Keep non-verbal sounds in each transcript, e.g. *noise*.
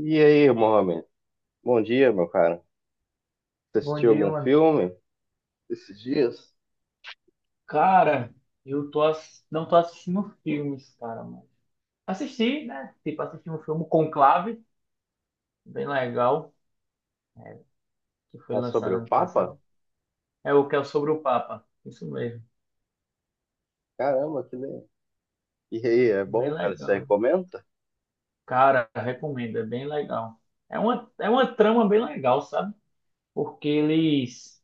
E aí, Mohamed? Bom dia, meu cara. Você Bom assistiu dia, algum mano. filme esses dias? Cara, não tô assistindo filmes, cara, mas assisti, né? Tipo, assisti um filme Conclave, bem legal, que foi Ah, sobre lançado o ano Papa? passado. É o que é sobre o Papa. Isso mesmo. Caramba, que legal. E aí, é Bem bom, cara? Você legal. recomenda? Cara, recomendo, é bem legal. É uma trama bem legal, sabe? Porque eles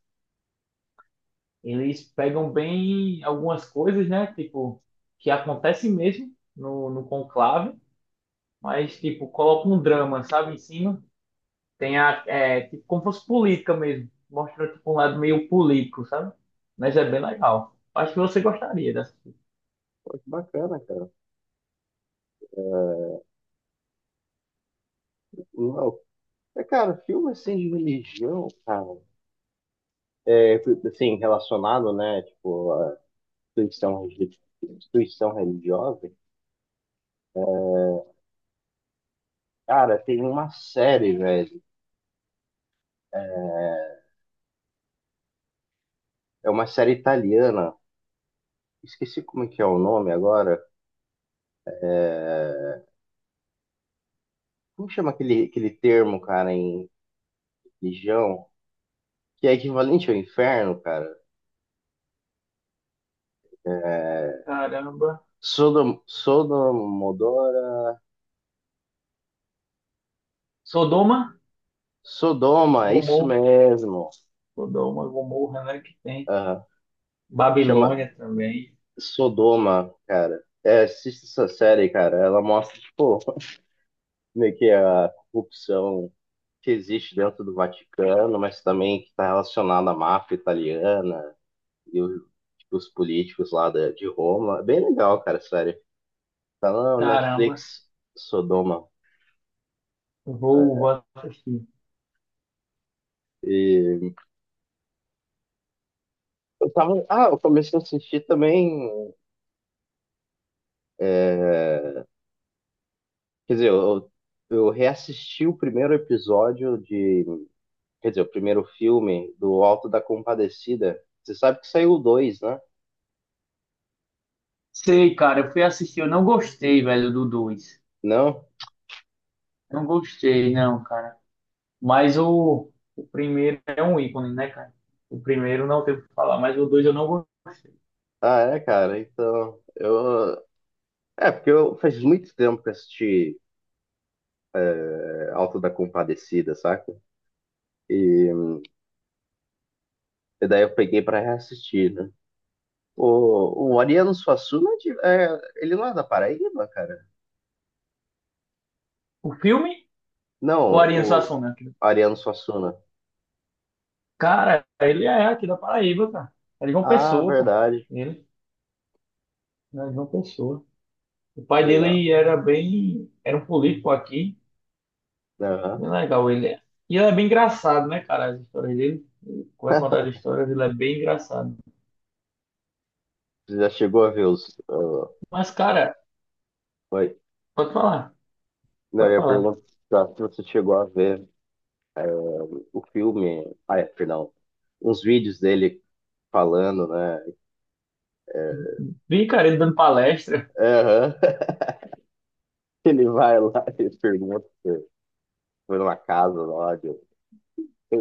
eles pegam bem algumas coisas, né? Tipo, que acontecem mesmo no conclave, mas tipo, colocam um drama, sabe, em cima. Tem a, é, tipo, como fosse política mesmo. Mostra tipo, um lado meio político, sabe? Mas é bem legal. Acho que você gostaria dessa. Pô, que bacana, cara. Não. É, cara, filme assim de religião, cara. É, assim, relacionado, né? Tipo, a instituição, religi- instituição religiosa. Cara, tem uma série, velho. É é uma série italiana. Esqueci como é que é o nome agora. É, como chama aquele, termo, cara, em religião? Que é equivalente ao inferno, cara. É... Caramba. Sodom, Sodomodora. Sodoma, Sodoma, é isso Gomorra. mesmo. Sodoma, Gomorra, né? Que tem. Aham. Chama Babilônia também. Sodoma, cara. É, assista essa série, cara. Ela mostra, tipo, *laughs* meio que a corrupção que existe dentro do Vaticano, mas também que está relacionada à máfia italiana e o- tipo, os políticos lá da- de Roma. É bem legal, cara, sério. Tá na Caramba. Netflix, Sodoma. Vou assistir. E eu tava. Ah, eu comecei a assistir também. Quer dizer, eu reassisti o primeiro episódio de. Quer dizer, o primeiro filme do Alto da Compadecida. Você sabe que saiu o dois, né? Sei, cara. Eu fui assistir. Eu não gostei, velho, do dois. Não? Não gostei, não, cara. Mas o primeiro é um ícone, né, cara? O primeiro não tem o que falar, mas o dois eu não gostei. Ah, é, cara. Então, eu. É, porque eu faz muito tempo que eu assisti, é, Alto da Compadecida, saca? E, e daí eu peguei pra reassistir, né? O Ariano Suassuna, é de- é, ele não é da Paraíba, cara? O filme ou a Não, Ariano o Suassuna? Ariano Suassuna. Cara, ele é aqui da Paraíba, cara. É de João Ah, Pessoa, pô. verdade. Ele é de João Pessoa. O pai Legal. dele era bem. Era um político aqui. Aham. Bem legal ele é. E ele é bem engraçado, né, cara? As histórias dele. Ele vai *laughs* contar as histórias, ele é bem engraçado. Você já chegou a ver os. Mas, cara, Foi. pode falar. Não, eu Pode ia falar. perguntar se você chegou a ver, eh, o filme. Ah, é, perdão. Uns vídeos dele falando, né? eh, Vi, cara, ele dando palestra. Aham. *laughs* Ele vai lá e pergunta se foi numa casa lá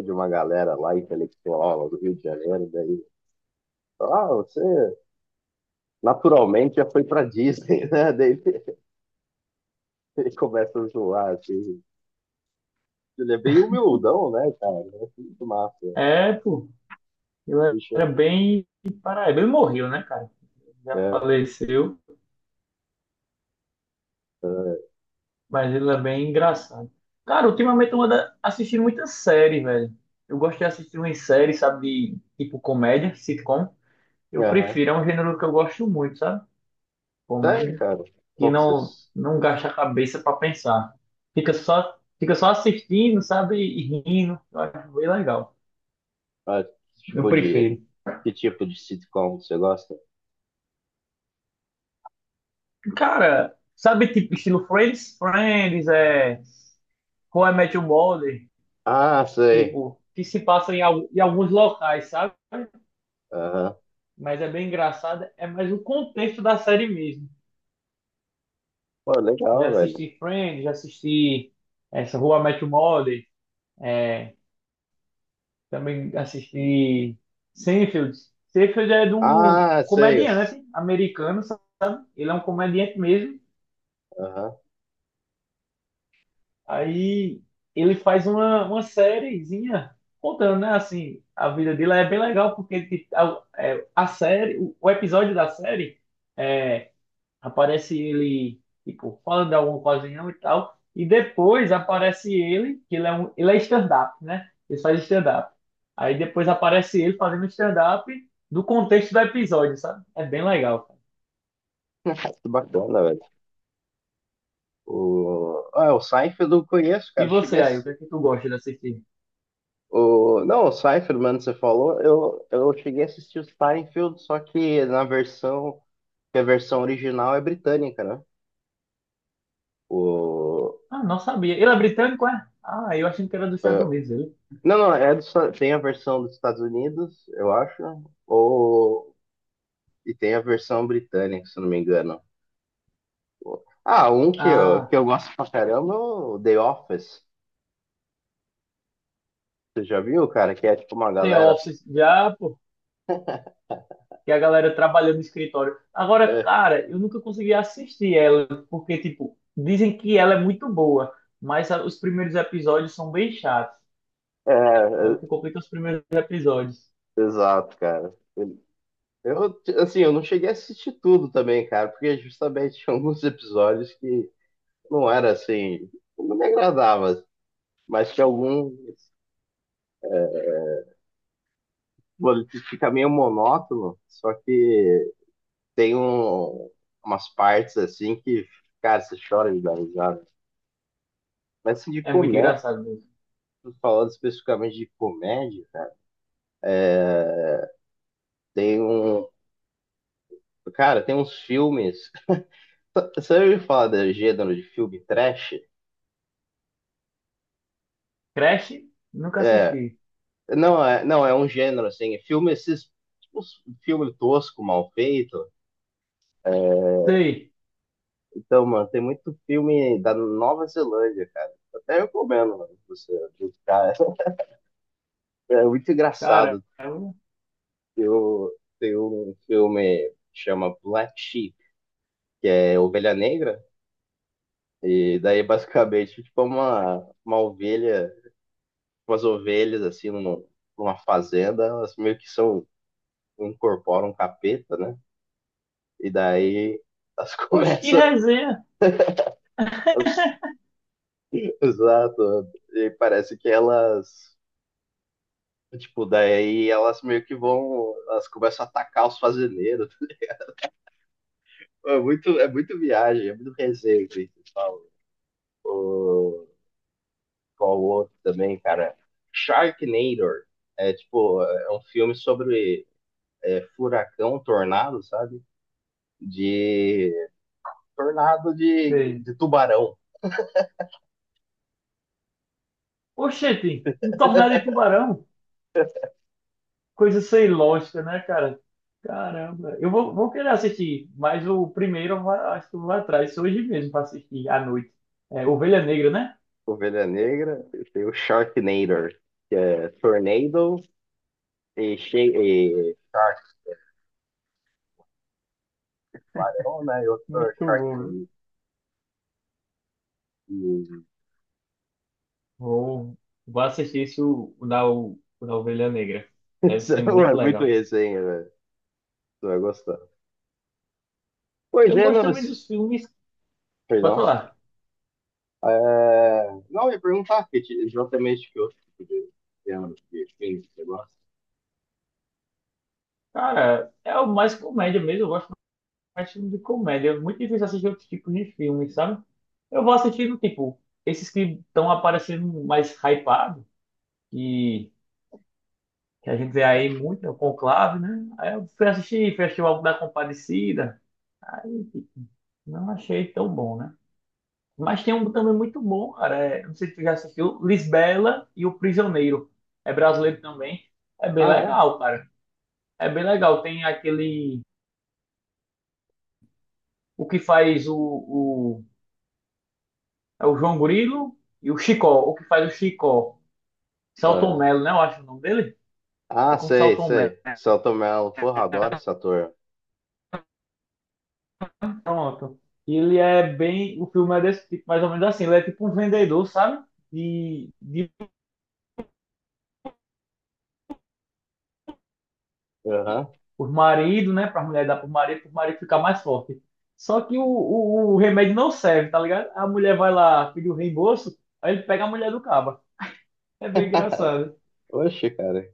de uma galera lá intelectual lá do Rio de Janeiro, daí. Ah, você naturalmente já foi pra Disney, *laughs* né? Ele começa a zoar, assim. Ele é bem humildão, né, cara? É muito massa. É, pô. Ele Deixa era eu. bem. Paraíba. Ele morreu, né, cara? Já É, faleceu. é, Mas ele é bem engraçado. Cara, ultimamente eu ando assistindo muita série, velho. Eu gosto de assistir umas séries, sabe, de tipo comédia, sitcom. é, Eu aham. prefiro, é um gênero que eu gosto muito, sabe? Sério, Comédia, cara. que Qual que não vocês. não gasta a cabeça pra pensar. Fica só assistindo, sabe, e rindo. Eu acho bem legal. Ah, Eu tipo de. prefiro. Que tipo de sitcom você gosta? Cara, sabe tipo estilo Friends? Friends é How I Met Your Mother, Ah, sei. tipo, que se passa em alguns locais, sabe? Aham. Mas é bem engraçada. É mais o contexto da série mesmo. Pô, Já legal, velho. assisti Friends, já assisti essa Rua I Met Your Mother, é, também assisti Seinfeld. Seinfeld é de um Ah, sei. Eu- comediante americano, sabe? Ele é um comediante mesmo. Aham. Aí ele faz uma sériezinha contando, né? Assim, a vida dele é bem legal porque tipo, a série, o episódio da série é. Aparece ele, tipo, falando de alguma coisinha e tal. E depois aparece ele, que ele é stand-up, né? Ele faz stand-up. Aí depois aparece ele fazendo stand-up do contexto do episódio, sabe? É bem legal, cara. *laughs* Que bacana, velho. O... Ah, o Seinfeld eu conheço, E cara. Cheguei a... você aí, o ass- que é que tu gosta de assistir? o... Não, o Seinfeld, mano, você falou. Eu cheguei a assistir o Seinfeld, só que na versão. Que a versão original é britânica, né? O, Ah, não sabia. Ele é britânico, é? Ah, eu achei que era dos Estados é, Unidos, ele. Não, é do Esta- tem a versão dos Estados Unidos, eu acho, ou e tem a versão britânica, se eu não me engano. Ah, um que Ah, eu gosto pra caramba é o The Office. Você já viu, cara? Que é tipo uma The galera. Office, já, pô. *laughs* E a galera trabalhando no escritório. Agora, É, cara, eu nunca consegui assistir ela, porque, tipo, dizem que ela é muito boa, mas os primeiros episódios são bem chatos. Aí é, o que complica é os primeiros episódios. exato, cara. Eu, assim, eu não cheguei a assistir tudo também, cara, porque justamente tinha alguns episódios que não era assim, não me agradava, mas tinha algum. Mano, fica meio monótono, só que tem um, umas partes assim que, cara, você chora de dar risada. Mas assim, de É muito comédia, engraçado mesmo. falando especificamente de comédia, né, tem um. Cara, tem uns filmes. *laughs* Você já ouviu falar do gênero de filme trash? Crash? Nunca É. assisti. Não, é um gênero assim. É filme, esses. Tipo, filme tosco, mal feito. Sei. Então, mano, tem muito filme da Nova Zelândia, cara. Até recomendo, mano, pra você buscar. *laughs* É muito Cara, engraçado. eu... Eu tenho um filme que chama Black Sheep, é Ovelha Negra, e daí basicamente tipo uma ovelha, umas ovelhas assim num- numa fazenda, elas meio que são, incorporam um capeta, né? E daí elas *laughs* Oxe, que começam. resenha. *laughs* Exato. E parece que elas. Tipo, daí elas meio que vão. Elas começam a atacar os fazendeiros. *laughs* É muito viagem, é muito resenha, assim, que eles falam. O- qual o outro também, cara? Sharknado. É tipo, é um filme sobre, é, furacão, tornado, sabe? De tornado Sei. de tubarão. Oxente, um tornado de tubarão. Coisa sem lógica, né, cara? Caramba. Eu vou querer assistir, mas o primeiro eu va- acho que eu vou atrás hoje mesmo para assistir à noite. É, Ovelha Negra, né? Ovelha Negra, tem o Sharknado, que é tornado e, She e Shark, tubarão, né? E outro é Muito bom, viu? Sharknado. E... Vou, vou assistir esse, o da Ovelha Negra. *laughs* Deve Isso ser muito é muito legal. resenha, velho. Tu vai gostar. Os Eu gosto gêneros, também dos filmes. Pode perdão. falar. É, não, eu ia perguntar que, ti- exatamente que outro tipo de tema de filme que você gosta. Cara, é o mais comédia mesmo. Eu gosto mais de filme de comédia. É muito difícil assistir outros tipos de filmes, sabe? Eu vou assistindo, tipo, esses que estão aparecendo mais hypados. Que a gente vê aí muito, né, o Conclave, né? Aí eu fui assistir, fui o álbum da Compadecida, aí tipo, não achei tão bom, né? Mas tem um também muito bom, cara, é, não sei se tu já assistiu, Lisbela e o Prisioneiro, é brasileiro também, é bem Ah, é? legal, cara, é bem legal, tem aquele, o que faz o, é o João Grilo e o Chicó, o que faz o Chicó, Selton Ah, Mello, né, eu acho o nome dele, é ah, com sei, Selton Mello, sei. Selton Mello, porra, adoro esse ator. pronto. Ele é bem. O filme é desse tipo, mais ou menos assim. Ele é tipo um vendedor, sabe? De Aham. por marido, né? Pra mulher dar pro marido ficar mais forte. Só que o remédio não serve, tá ligado? A mulher vai lá pedir o reembolso, aí ele pega a mulher do caba. É bem engraçado. *laughs* Oxe, cara,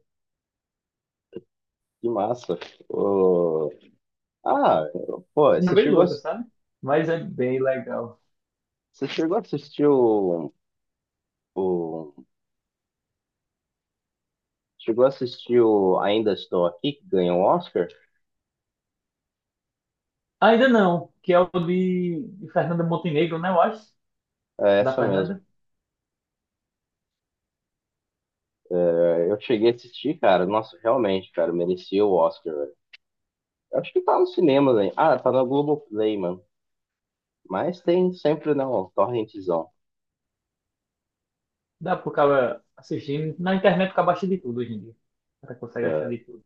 que massa. Ô, ah, pô, E é bem louca, sabe? Mas é bem legal. você chegou a assistir o- chegou a assistir o Ainda Estou Aqui, que ganhou o Oscar? Ainda não, que é o de Fernanda Montenegro, né? Eu acho. É Da essa mesmo. Fernanda. É, eu cheguei a assistir, cara. Nossa, realmente, cara, merecia o Oscar. Acho que tá nos cinemas, hein? Ah, tá na Globoplay, mano. Mas tem sempre, não, torrentzão. Dá pro cara assistir. Na internet fica abaixo de tudo hoje em dia. O cara consegue achar de É. tudo.